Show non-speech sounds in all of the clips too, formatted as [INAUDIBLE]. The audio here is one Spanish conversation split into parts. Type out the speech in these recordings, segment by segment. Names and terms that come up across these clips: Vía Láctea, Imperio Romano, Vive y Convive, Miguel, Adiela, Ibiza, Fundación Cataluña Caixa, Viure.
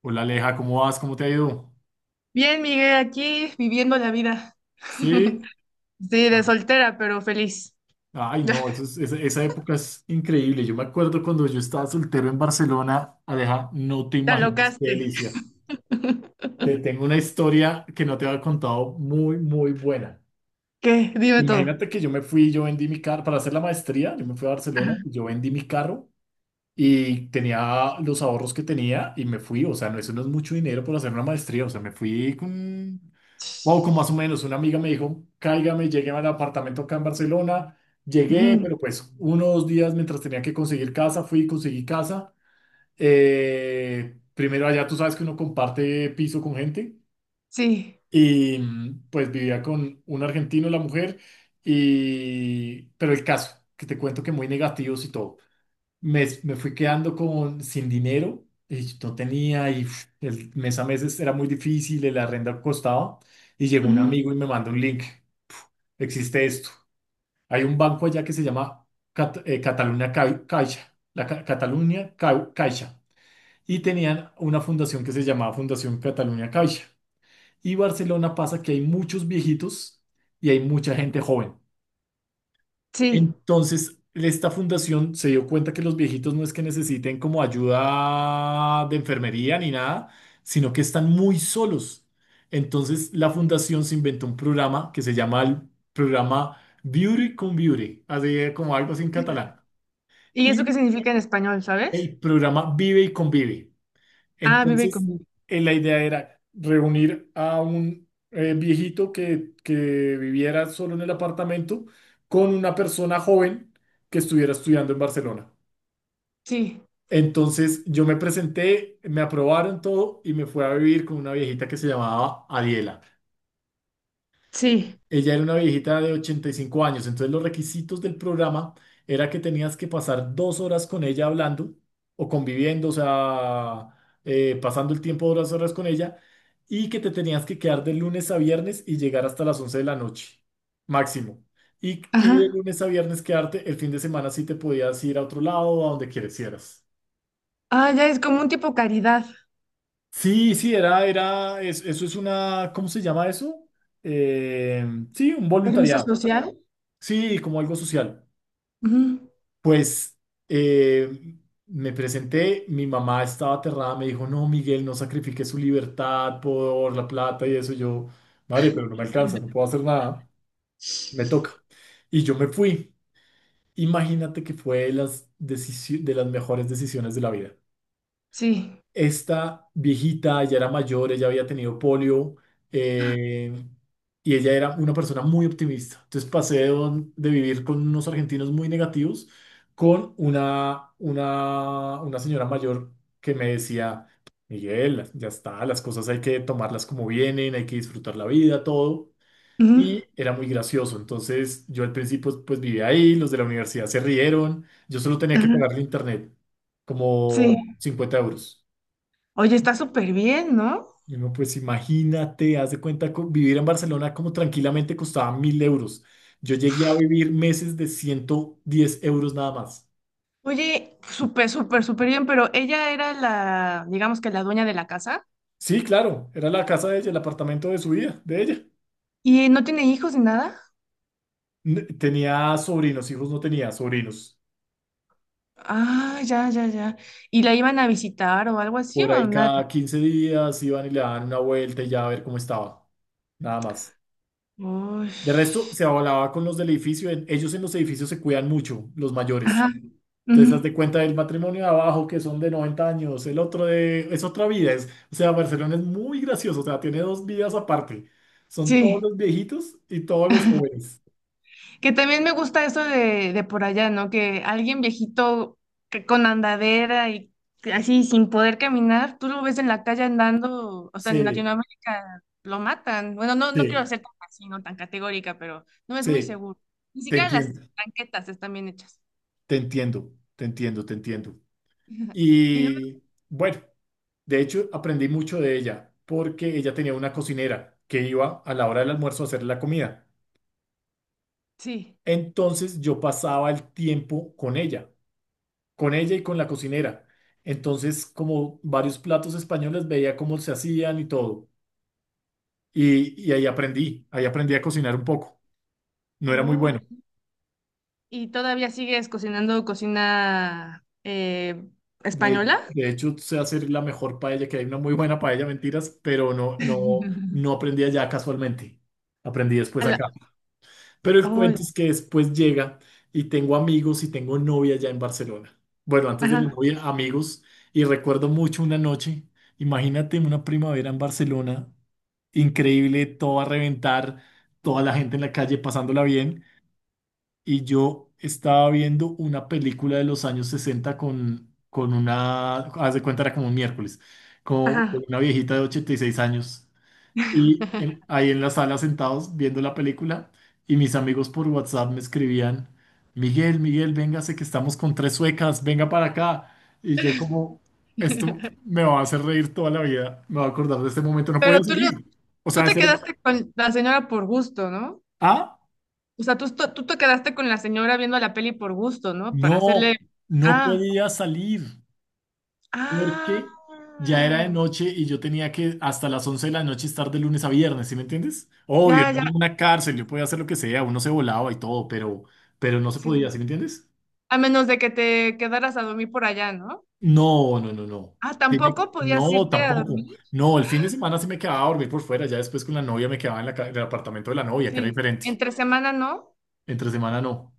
Hola Aleja, ¿cómo vas? ¿Cómo te ha ido? Bien, Miguel, aquí viviendo la vida. ¿Sí? [LAUGHS] Sí, de Ah, soltera, pero feliz. ay, no, esa época es increíble. Yo me acuerdo cuando yo estaba soltero en Barcelona, Aleja, no te Te imaginas qué alocaste. delicia. Te tengo una historia que no te había contado muy, muy buena. ¿Qué? Dime todo. Imagínate que yo me fui, yo vendí mi carro para hacer la maestría, yo me fui a Barcelona, Ajá. yo vendí mi carro. Y tenía los ahorros que tenía y me fui. O sea, no, eso no es mucho dinero por hacer una maestría. O sea, me fui con poco más o menos. Una amiga me dijo, cáigame, llegué al apartamento acá en Barcelona. Llegué, Ujú. pero pues unos días mientras tenía que conseguir casa, fui y conseguí casa. Primero allá tú sabes que uno comparte piso con gente. Sí. Y pues vivía con un argentino, la mujer, pero el caso, que te cuento que muy negativos y todo me fui quedando con sin dinero, y no tenía, y uf, el mes a mes era muy difícil, el arrendo costaba, y llegó un Ujú. amigo y me mandó un link. Existe esto. Hay un banco allá que se llama Cataluña Caixa, la Cataluña Caixa, y tenían una fundación que se llamaba Fundación Cataluña Caixa. Y Barcelona pasa que hay muchos viejitos y hay mucha gente joven. Sí. Entonces, esta fundación se dio cuenta que los viejitos no es que necesiten como ayuda de enfermería ni nada, sino que están muy solos. Entonces, la fundación se inventó un programa que se llama el programa Beauty con Beauty, así como algo así en catalán. ¿Y eso qué Y significa en español, sabes? el programa Vive y Convive. Ah, vive Entonces, conmigo. La idea era reunir a un viejito que viviera solo en el apartamento con una persona joven que estuviera estudiando en Barcelona. Sí, Entonces, yo me presenté, me aprobaron todo y me fui a vivir con una viejita que se llamaba Adiela. sí. Ella era una viejita de 85 años, entonces los requisitos del programa era que tenías que pasar 2 horas con ella hablando o conviviendo, o sea, pasando el tiempo de 2 horas con ella y que te tenías que quedar de lunes a viernes y llegar hasta las 11 de la noche, máximo. Y de Ajá. lunes a viernes quedarte, el fin de semana sí te podías ir a otro lado o a donde quisieras. Ah, ya es como un tipo caridad. Sí, sí, eso es una, ¿cómo se llama eso? Eh, sí, un Servicio voluntariado. social. Sí, como algo social. Ujú. Pues eh, me presenté, mi mamá estaba aterrada, me dijo, no, Miguel, no sacrifique su libertad por la plata y eso. Yo, madre, pero no me alcanza, no puedo hacer nada, me toca. Y yo me fui. Imagínate que fue de las, de las mejores decisiones de la vida. Sí. Esta viejita ya era mayor, ella había tenido polio eh, y ella era una persona muy optimista. Entonces pasé de, de vivir con unos argentinos muy negativos con una señora mayor que me decía, Miguel, ya está, las cosas hay que tomarlas como vienen, hay que disfrutar la vida, todo. Ujú. Y era muy gracioso. Entonces yo al principio pues vivía ahí, los de la universidad se rieron, yo solo tenía que Ajá. pagarle internet como Sí. 50 euros. Oye, está súper bien, ¿no? Y uno, pues imagínate, haz de cuenta, vivir en Barcelona como tranquilamente costaba 1000 euros. Yo llegué a vivir meses de 110 euros nada más. Oye, súper, súper, súper bien, pero ella era la, digamos que la dueña de la casa Sí, claro, era la casa de ella, el apartamento de su vida, de ella. y no tiene hijos ni nada. Tenía sobrinos, hijos no tenía, sobrinos. Ah, ya, ya, ya. ¿Y la iban a visitar o algo así Por o ahí nada? cada 15 días iban y le daban una vuelta y ya a ver cómo estaba. Nada más. Uy. De resto, se hablaba con los del edificio. Ellos en los edificios se cuidan mucho, los mayores. Ajá. Entonces, haz Ujú. de cuenta del matrimonio de abajo, que son de 90 años, el otro de, es otra vida. Es, o sea, Barcelona es muy gracioso, o sea, tiene dos vidas aparte. Son todos Sí. los viejitos y todos los jóvenes. Que también me gusta eso de por allá, ¿no? Que alguien viejito que con andadera y que así sin poder caminar, tú lo ves en la calle andando, o sea, en Sí, Latinoamérica lo matan. Bueno, no, no quiero sí, ser tan así, no tan categórica, pero no es muy sí, seguro. Ni te siquiera las entiendo, banquetas están bien hechas. te entiendo, te entiendo, te entiendo. [LAUGHS] Y luego, Y bueno, de hecho, aprendí mucho de ella, porque ella tenía una cocinera que iba a la hora del almuerzo a hacer la comida. sí. Entonces, yo pasaba el tiempo con ella, con ella y con la cocinera. Entonces, como varios platos españoles, veía cómo se hacían y todo. Y ahí aprendí a cocinar un poco. No era muy Oh, bueno. ya. ¿Y todavía sigues cocinando cocina De, española? de hecho, sé hacer la mejor paella, que hay una muy buena paella, mentiras, pero no, no, no [LAUGHS] aprendí allá casualmente. Aprendí A después la- acá. Pero el cuento oh, es que después llega y tengo amigos y tengo novia allá en Barcelona. Bueno, antes de la ajá, novia, amigos. Y recuerdo mucho una noche, imagínate una primavera en Barcelona increíble, todo a reventar, toda la gente en la calle pasándola bien. Y yo estaba viendo una película de los años 60 con una, haz de cuenta, era como un miércoles, con ajá. con una viejita de 86 años. Y ahí en la sala sentados viendo la película, y mis amigos por WhatsApp me escribían, Miguel, Miguel, véngase que estamos con tres suecas, venga para acá. Y yo como, esto [LAUGHS] me va a hacer reír toda la vida, me va a acordar de este momento, no podía Pero salir. O tú sea, te ese era. quedaste con la señora por gusto, ¿no? Ah, O sea, tú te quedaste con la señora viendo la peli por gusto, ¿no? No, no Ah, podía salir ah, porque ya era de noche y yo tenía que hasta las 11 de la noche estar de lunes a viernes, ¿sí me entiendes? Obvio, yo ya, era ya, en una cárcel, yo podía hacer lo que sea, uno se volaba y todo, pero no se podía, sí. ¿sí me entiendes? A menos de que te quedaras a dormir por allá, ¿no? No, no, no, no. Ah, tampoco podías No, irte a tampoco. dormir. No, el fin de semana sí me quedaba a dormir por fuera, ya después con la novia me quedaba en la en el apartamento de la novia, que era Sí. diferente. Entre semana, ¿no? Entre semana no.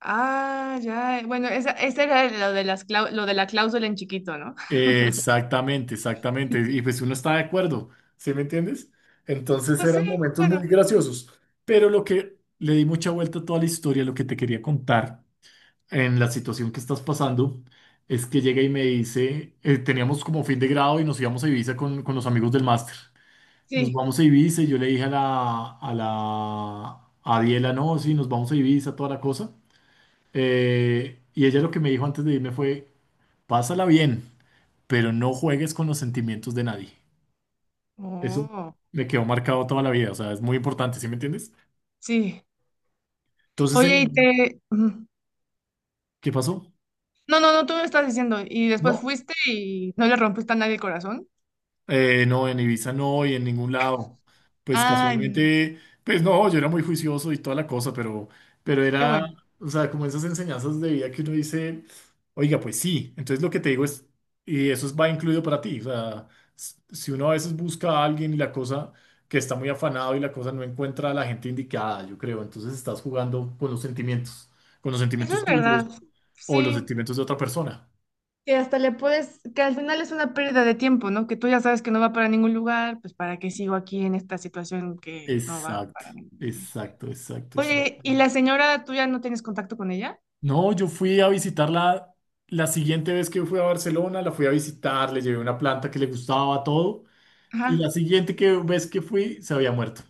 Ah, ya. Bueno, esa era lo de la cláusula en chiquito, ¿no? Exactamente, exactamente. Y pues uno está de acuerdo, ¿sí me entiendes? Entonces Pues sí, eran momentos muy bueno, graciosos. Pero lo que le di mucha vuelta a toda la historia, lo que te quería contar en la situación que estás pasando, es que llega y me dice, teníamos como fin de grado y nos íbamos a Ibiza con los amigos del máster. Nos sí. vamos a Ibiza y yo le dije a a Diela, no, sí, nos vamos a Ibiza, toda la cosa. Y ella lo que me dijo antes de irme fue, pásala bien pero no juegues con los sentimientos de nadie. Eso Oh, me quedó marcado toda la vida, o sea, es muy importante, ¿sí me entiendes? sí. Entonces, Oye, el ¿qué pasó? no, no, no, tú me estás diciendo. Y después No, fuiste y no le rompiste a nadie el corazón. No, en Ibiza no y en ningún lado. Pues Ay, casualmente, pues no, yo era muy juicioso y toda la cosa, pero, pero qué era, bueno. o sea, como esas enseñanzas de vida que uno dice, oiga, pues sí, entonces lo que te digo es, y va incluido para ti, o sea, si uno a veces busca a alguien y la cosa que está muy afanado y la cosa no encuentra a la gente indicada, yo creo, entonces estás jugando con los Eso sentimientos es tuyos verdad. o los Sí. sentimientos de otra persona. Que hasta le puedes, que al final es una pérdida de tiempo, ¿no? Que tú ya sabes que no va para ningún lugar, pues ¿para qué sigo aquí en esta situación que no va Exacto, para ningún lugar? exacto, exacto, Oye, exacto. ¿y la señora tú ya no tienes contacto con ella? No, yo fui a visitarla la siguiente vez que fui a Barcelona, la fui a visitar, le llevé una planta que le gustaba todo y Ajá. Vez que fui se había muerto.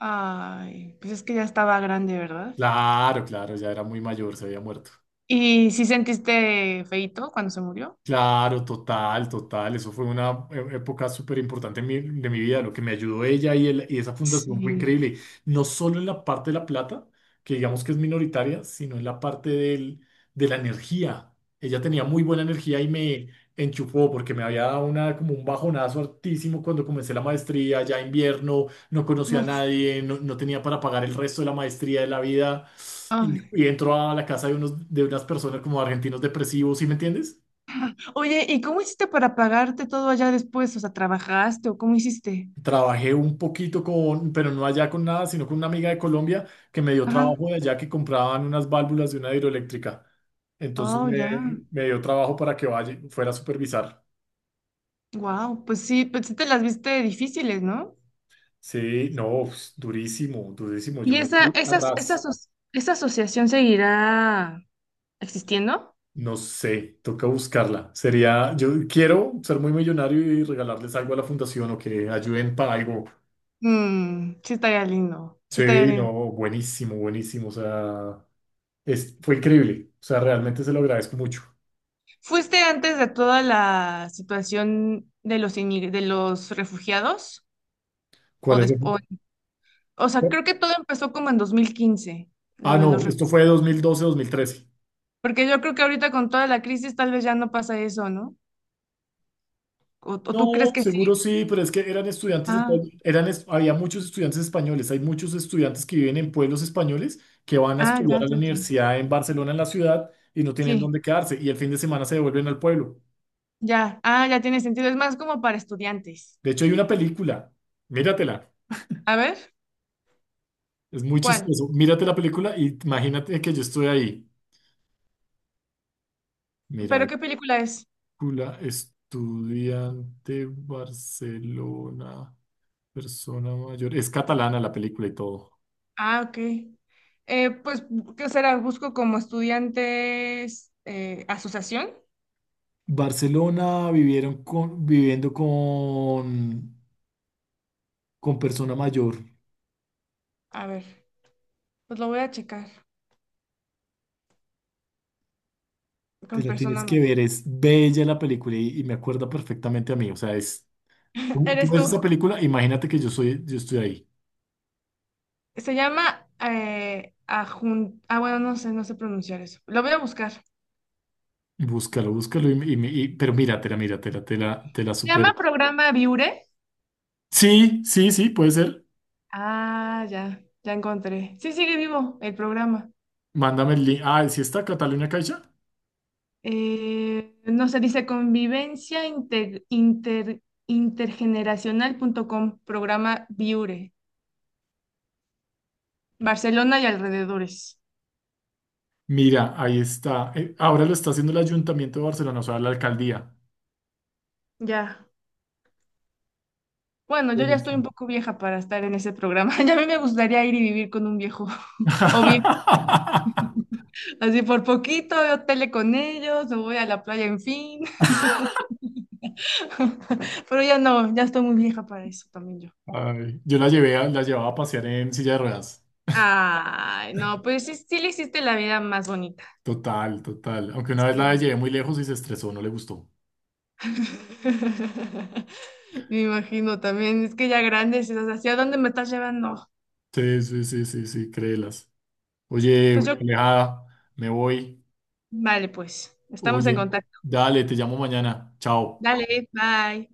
Ay, pues es que ya estaba grande, ¿verdad? Claro, claro, ya era muy mayor, se había muerto. ¿Y si sentiste feíto cuando se murió? Claro, total, total. Eso fue una época súper importante de mi vida. Lo que me ayudó ella y esa fundación fue Sí. increíble. No solo en la parte de la plata, que digamos que es minoritaria, sino en la parte de la energía. Ella tenía muy buena energía y me enchufó porque me había dado una, como un bajonazo altísimo cuando comencé la maestría, ya invierno, no conocía a Uf. nadie, no, no tenía para pagar el resto de la maestría de la vida. Ay. Y entró a la casa de, unos, de unas personas como argentinos depresivos, ¿sí me entiendes? Oye, ¿y cómo hiciste para pagarte todo allá después? O sea, ¿trabajaste o cómo hiciste? Trabajé un poquito con, pero no allá con nada, sino con una amiga de Colombia que me dio Ajá. trabajo de allá que compraban unas válvulas de una hidroeléctrica. Entonces Oh, ya. me dio trabajo para que vaya, fuera a supervisar. Wow, pues sí te las viste difíciles, ¿no? Sí, no, pues, durísimo, durísimo. Yo ¿Y me esa, fui a esa, esa, ras. aso- esa asociación seguirá existiendo? No sé, toca buscarla. Sería, yo quiero ser muy millonario y regalarles algo a la fundación o que ayuden para algo. Mm, sí estaría lindo, sí estaría Sí, lindo. no, buenísimo, buenísimo. O sea, es, fue increíble. O sea, realmente se lo agradezco mucho. ¿Fuiste antes de toda la situación de los refugiados? ¿O ¿Cuál es? después? O sea, creo que todo empezó como en 2015, Ah, lo de no, los esto refugiados. fue 2012, mil trece. Porque yo creo que ahorita con toda la crisis tal vez ya no pasa eso, ¿no? ¿O tú No, crees que sí? seguro sí, pero es que eran estudiantes de todo, Ah, eran, había muchos estudiantes españoles, hay muchos estudiantes que viven en pueblos españoles que van a ah, estudiar ya, a la ya, ya. universidad en Barcelona, en la ciudad, y no tienen dónde Sí, quedarse, y el fin de semana se devuelven al pueblo. ya. Ah, ya tiene sentido. Es más como para estudiantes. De hecho, hay una película, míratela, A ver, es muy ¿cuál? chistoso, mírate la película y imagínate que yo estoy ahí. Mira, ¿Pero qué película es? película, estudiante, Barcelona, persona mayor, es catalana la película y todo. Ah, ok. Pues, ¿qué será? Busco como estudiantes, asociación. Barcelona vivieron con, viviendo con persona mayor. A ver, pues lo voy a checar Te con la tienes persona que ma- ver, es bella la película y me acuerda perfectamente a mí. O sea, es, [LAUGHS] tú Eres ves tú. esa película, imagínate que yo soy, yo estoy ahí. Se llama. Ah, bueno, no sé, no sé pronunciar eso. Lo voy a buscar. Se Búscalo, búscalo, pero míratela, míratela, te la super. llama programa Viure. Sí, sí, sí, puede ser. Ah, ya, ya encontré. Sí, sigue vivo el programa. Mándame el link. Ah, ¿sí está Cataluña Caixa? No se dice convivencia intergeneracional.com, programa Viure, Barcelona y alrededores. Mira, ahí está. Ahora lo está haciendo el Ayuntamiento de Barcelona, o sea, la alcaldía. Ya. Bueno, yo ya estoy un Buenísimo. poco vieja para estar en ese programa. [LAUGHS] Ya a mí me gustaría ir y vivir con un viejo [LAUGHS] o bien, [LAUGHS] así por poquito, yo tele con ellos, me voy a la playa, en fin. [LAUGHS] Pero ya no, ya estoy muy vieja para eso también yo. Ay, yo la llevaba a pasear en silla de ruedas. Ay, no, pues sí, sí le hiciste la vida más bonita. Total, total. Aunque una vez la Sí. llevé muy lejos y se estresó, no le gustó. [LAUGHS] Me imagino también, es que ya grandes, estás, ¿hacia dónde me estás llevando? Sí, sí, sí, sí, sí, créelas. Pues Oye, yo, Alejada, me voy. vale, pues, estamos en Oye, contacto. dale, te llamo mañana. Chao. Dale, bye.